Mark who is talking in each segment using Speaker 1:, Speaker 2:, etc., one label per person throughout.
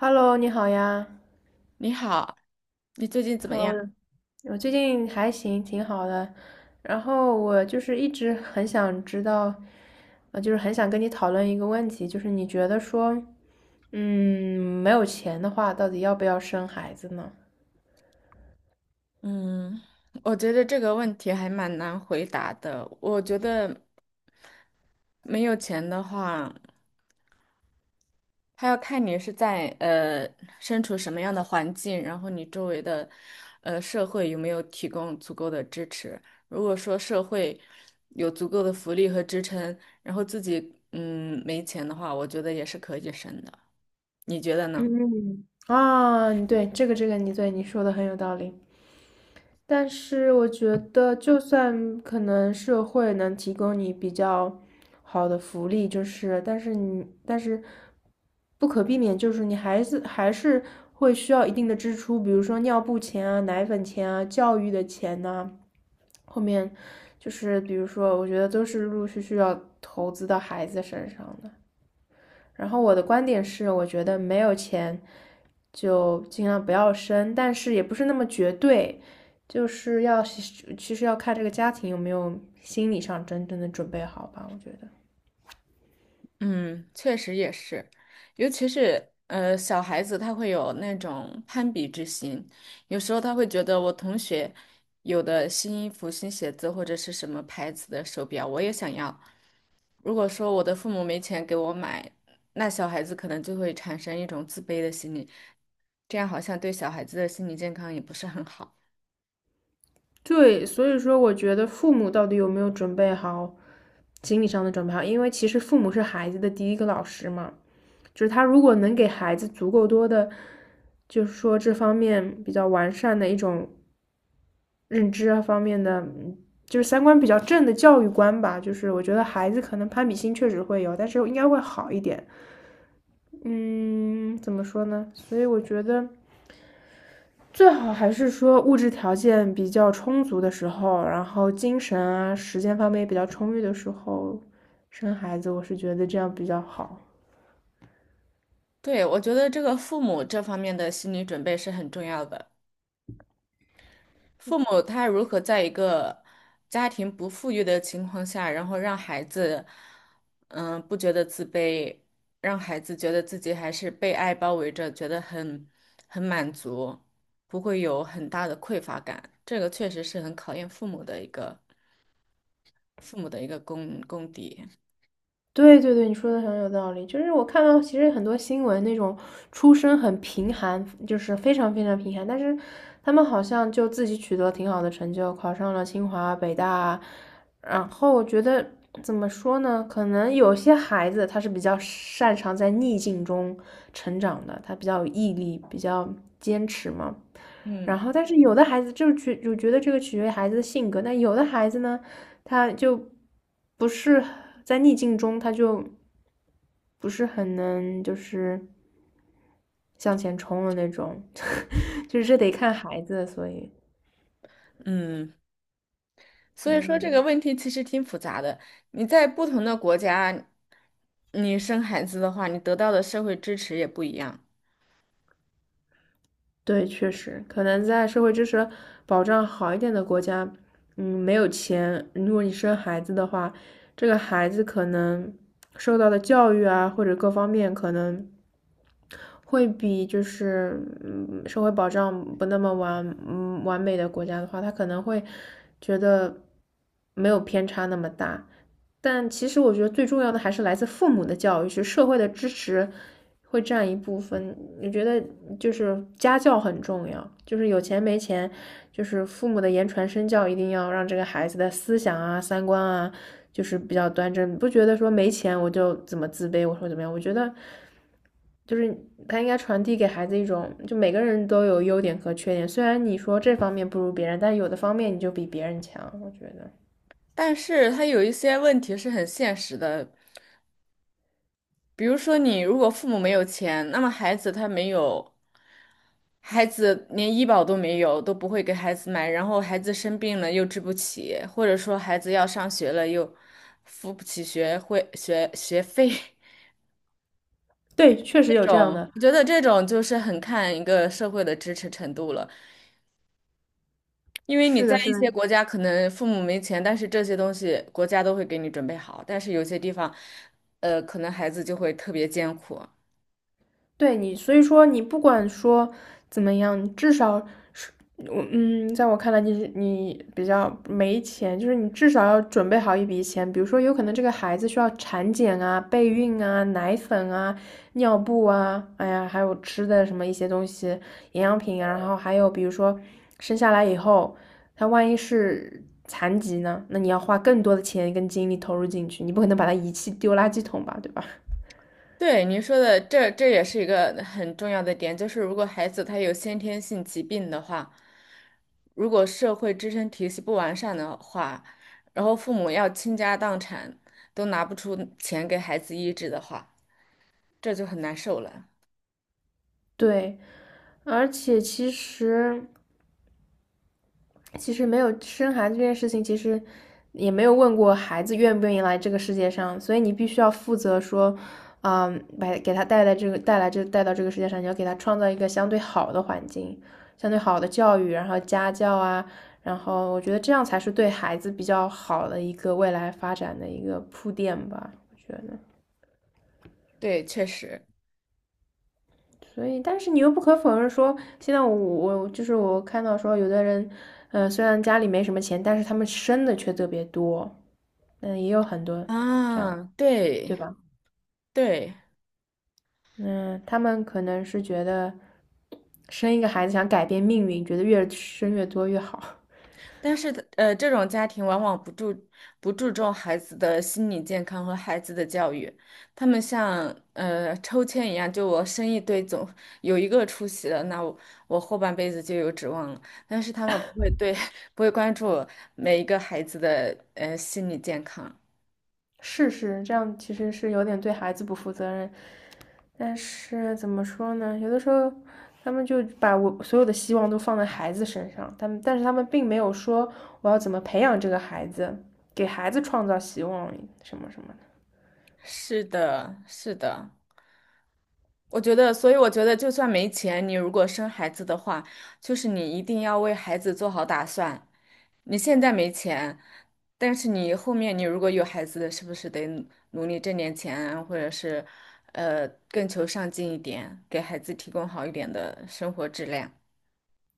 Speaker 1: Hello，你好呀。
Speaker 2: 你好，你最近怎么
Speaker 1: Hello，
Speaker 2: 样？
Speaker 1: 我最近还行，挺好的。然后我一直很想知道，就是很想跟你讨论一个问题，就是你觉得说，嗯，没有钱的话，到底要不要生孩子呢？
Speaker 2: 嗯，我觉得这个问题还蛮难回答的。我觉得没有钱的话，他要看你是在身处什么样的环境，然后你周围的社会有没有提供足够的支持。如果说社会有足够的福利和支撑，然后自己没钱的话，我觉得也是可以生的。你觉得呢？
Speaker 1: 嗯，啊，对，这个，你说的很有道理。但是我觉得，就算可能社会能提供你比较好的福利，就是但是不可避免，就是你还是会需要一定的支出，比如说尿布钱啊、奶粉钱啊、教育的钱呐、后面就是比如说，我觉得都是陆陆续续要投资到孩子身上的。然后我的观点是，我觉得没有钱就尽量不要生，但是也不是那么绝对，就是其实要看这个家庭有没有心理上真正的准备好吧。我觉得
Speaker 2: 嗯，确实也是，尤其是小孩子，他会有那种攀比之心，有时候他会觉得我同学有的新衣服、新鞋子或者是什么牌子的手表，我也想要。如果说我的父母没钱给我买，那小孩子可能就会产生一种自卑的心理，这样好像对小孩子的心理健康也不是很好。
Speaker 1: 对，所以说我觉得父母到底有没有准备好心理上的准备好，因为其实父母是孩子的第一个老师嘛，就是他如果能给孩子足够多的，就是说这方面比较完善的一种认知啊方面的，嗯就是三观比较正的教育观吧。就是我觉得孩子可能攀比心确实会有，但是应该会好一点。嗯，怎么说呢？所以我觉得最好还是说物质条件比较充足的时候，然后精神啊、时间方面也比较充裕的时候生孩子，我是觉得这样比较好。
Speaker 2: 对，我觉得这个父母这方面的心理准备是很重要的。父母他如何在一个家庭不富裕的情况下，然后让孩子，嗯，不觉得自卑，让孩子觉得自己还是被爱包围着，觉得很满足，不会有很大的匮乏感。这个确实是很考验父母的一个功底。
Speaker 1: 对对对，你说的很有道理。就是我看到其实很多新闻那种出身很贫寒，就是非常非常贫寒，但是他们好像就自己取得了挺好的成就，考上了清华、北大。然后我觉得怎么说呢？可能有些孩子他是比较擅长在逆境中成长的，他比较有毅力，比较坚持嘛。然
Speaker 2: 嗯
Speaker 1: 后，但是有的孩子就觉得这个取决于孩子的性格，但有的孩子呢，他就不是在逆境中，他就不是很能就是向前冲的那种，就是这得看孩子，所以
Speaker 2: 嗯，所以说这个
Speaker 1: 嗯。
Speaker 2: 问题其实挺复杂的。你在不同的国家，你生孩子的话，你得到的社会支持也不一样。
Speaker 1: 对，确实，可能在社会支持保障好一点的国家，嗯，没有钱，如果你生孩子的话，这个孩子可能受到的教育啊，或者各方面可能会比就是嗯社会保障不那么完美的国家的话，他可能会觉得没有偏差那么大。但其实我觉得最重要的还是来自父母的教育，是社会的支持会占一部分。我觉得就是家教很重要，就是有钱没钱，就是父母的言传身教，一定要让这个孩子的思想啊、三观啊，就是比较端正。不觉得说没钱我就怎么自卑，我说怎么样？我觉得就是他应该传递给孩子一种，就每个人都有优点和缺点。虽然你说这方面不如别人，但有的方面你就比别人强。我觉得
Speaker 2: 但是他有一些问题是很现实的，比如说你如果父母没有钱，那么孩子连医保都没有，都不会给孩子买，然后孩子生病了又治不起，或者说孩子要上学了又付不起学会学学费，
Speaker 1: 对，确
Speaker 2: 这
Speaker 1: 实有这样
Speaker 2: 种
Speaker 1: 的。
Speaker 2: 我觉得就是很看一个社会的支持程度了，因为你
Speaker 1: 是
Speaker 2: 在
Speaker 1: 的，是
Speaker 2: 一
Speaker 1: 的，
Speaker 2: 些国家可能父母没钱，但是这些东西国家都会给你准备好，但是有些地方，可能孩子就会特别艰苦。
Speaker 1: 对你，所以说你不管说怎么样，至少是，我嗯，在我看来你，你比较没钱，就是你至少要准备好一笔钱，比如说有可能这个孩子需要产检啊、备孕啊、奶粉啊、尿布啊，哎呀，还有吃的什么一些东西，营养品啊，然后还有比如说生下来以后，他万一是残疾呢，那你要花更多的钱跟精力投入进去，你不可能把他遗弃丢垃圾桶吧，对吧？
Speaker 2: 对您说的，这也是一个很重要的点，就是如果孩子他有先天性疾病的话，如果社会支撑体系不完善的话，然后父母要倾家荡产都拿不出钱给孩子医治的话，这就很难受了。
Speaker 1: 对，而且其实没有生孩子这件事情，其实也没有问过孩子愿不愿意来这个世界上，所以你必须要负责说，嗯，把给他带来这个带来这带到这个世界上，你要给他创造一个相对好的环境，相对好的教育，然后家教啊，然后我觉得这样才是对孩子比较好的一个未来发展的一个铺垫吧，我觉得。
Speaker 2: 对，确实
Speaker 1: 所以，但是你又不可否认说，现在我就是我看到说，有的人，呃，虽然家里没什么钱，但是他们生的却特别多，嗯，也有很多这样，
Speaker 2: 啊，对
Speaker 1: 对吧？
Speaker 2: 对。
Speaker 1: 嗯，他们可能是觉得生一个孩子想改变命运，觉得越生越多越好。
Speaker 2: 但是这种家庭往往不注重孩子的心理健康和孩子的教育，他们像抽签一样，就我生一堆总有一个出息了，那我后半辈子就有指望了。但是他们不会对 不会关注每一个孩子的心理健康。
Speaker 1: 是是，这样其实是有点对孩子不负责任。但是怎么说呢？有的时候他们就把我所有的希望都放在孩子身上，但是他们并没有说我要怎么培养这个孩子，给孩子创造希望什么什么的。
Speaker 2: 是的，是的，我觉得，所以我觉得，就算没钱，你如果生孩子的话，就是你一定要为孩子做好打算。你现在没钱，但是你后面你如果有孩子，是不是得努力挣点钱啊，或者是，更求上进一点，给孩子提供好一点的生活质量？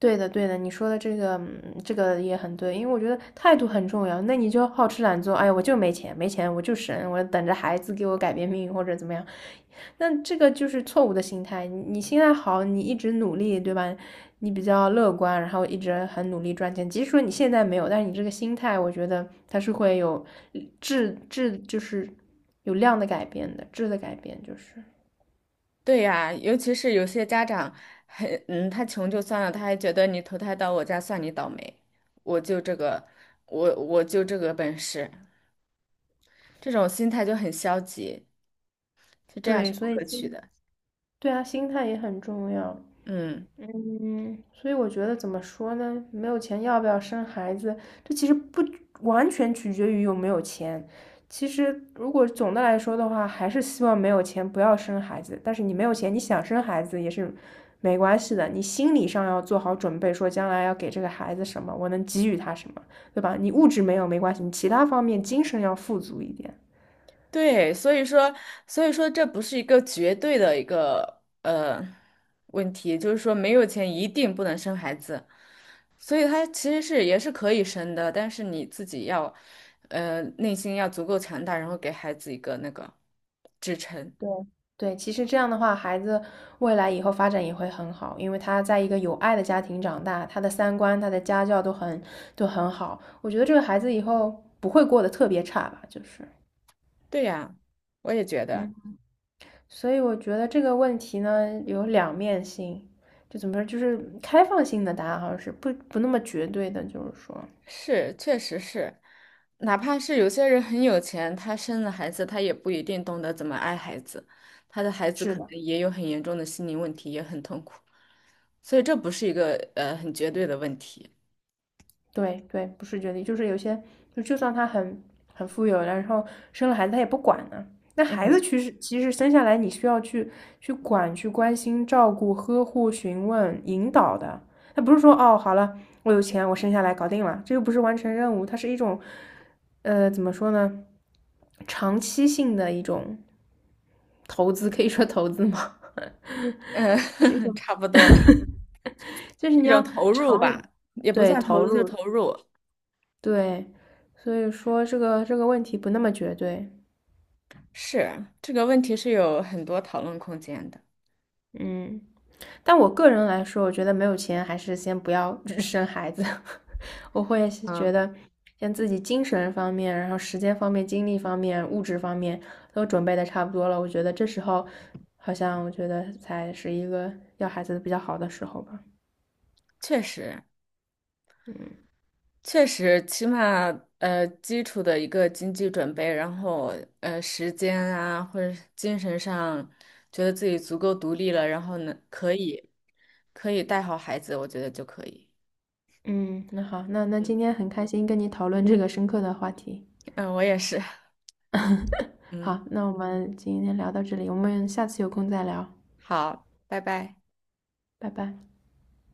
Speaker 1: 对的，对的，你说的这个，嗯这个也很对，因为我觉得态度很重要。那你就好吃懒做，哎呀，我就没钱，没钱我就省，我等着孩子给我改变命运或者怎么样，那这个就是错误的心态。你心态好，你一直努力，对吧？你比较乐观，然后一直很努力赚钱。即使说你现在没有，但是你这个心态，我觉得它是会有就是有量的改变的，质的改变就是
Speaker 2: 对呀，尤其是有些家长很，嗯，他穷就算了，他还觉得你投胎到我家算你倒霉，我就这个，我就这个本事，这种心态就很消极，就这样
Speaker 1: 对，
Speaker 2: 是不
Speaker 1: 所以
Speaker 2: 可取
Speaker 1: 心，
Speaker 2: 的。
Speaker 1: 对啊，心态也很重要。
Speaker 2: 嗯。
Speaker 1: 嗯，所以我觉得怎么说呢？没有钱要不要生孩子，这其实不完全取决于有没有钱。其实如果总的来说的话，还是希望没有钱不要生孩子。但是你没有钱，你想生孩子也是没关系的。你心理上要做好准备，说将来要给这个孩子什么，我能给予他什么，对吧？你物质没有没关系，你其他方面精神要富足一点。
Speaker 2: 对，所以说这不是一个绝对的一个问题，就是说没有钱一定不能生孩子，所以他其实是也是可以生的，但是你自己要内心要足够强大，然后给孩子一个那个支撑。
Speaker 1: 对对，其实这样的话，孩子未来以后发展也会很好，因为他在一个有爱的家庭长大，他的三观、他的家教都很好。我觉得这个孩子以后不会过得特别差吧，就是
Speaker 2: 对呀，我也觉得。
Speaker 1: 嗯，所以我觉得这个问题呢有两面性，就怎么说，就是开放性的答案好像是不那么绝对的，就是说，
Speaker 2: 是，确实是，哪怕是有些人很有钱，他生了孩子，他也不一定懂得怎么爱孩子，他的孩子
Speaker 1: 是
Speaker 2: 可能
Speaker 1: 的。
Speaker 2: 也有很严重的心理问题，也很痛苦，所以这不是一个很绝对的问题。
Speaker 1: 对对，不是绝育，就是有些就就算他很富有，然后生了孩子他也不管呢。那孩子
Speaker 2: 嗯
Speaker 1: 其实生下来你需要去去管、去关心、照顾、呵护、询问、引导的。他不是说哦，好了，我有钱，我生下来搞定了，这又不是完成任务，它是一种呃怎么说呢，长期性的一种投资，可以说投资吗？
Speaker 2: 嗯，
Speaker 1: 就是一 种，
Speaker 2: 差不多，
Speaker 1: 就是
Speaker 2: 一
Speaker 1: 你
Speaker 2: 种
Speaker 1: 要
Speaker 2: 投入
Speaker 1: 长远
Speaker 2: 吧，也不
Speaker 1: 对
Speaker 2: 算投
Speaker 1: 投
Speaker 2: 资，就
Speaker 1: 入，
Speaker 2: 投入。
Speaker 1: 对，所以说这个问题不那么绝对，
Speaker 2: 是，这个问题是有很多讨论空间的。
Speaker 1: 嗯，但我个人来说，我觉得没有钱还是先不要 生孩子，我会是觉
Speaker 2: 嗯，
Speaker 1: 得像自己精神方面，然后时间方面、精力方面、物质方面都准备的差不多了，我觉得这时候好像我觉得才是一个要孩子比较好的时候吧，
Speaker 2: 确实。
Speaker 1: 嗯
Speaker 2: 确实，起码基础的一个经济准备，然后时间啊或者是精神上，觉得自己足够独立了，然后呢可以带好孩子，我觉得就可以。
Speaker 1: 嗯，那好，那今天很开心跟你讨论这个深刻的话题，
Speaker 2: 嗯，我也是。嗯，
Speaker 1: 好，那我们今天聊到这里，我们下次有空再聊。
Speaker 2: 好，拜拜。
Speaker 1: 拜拜。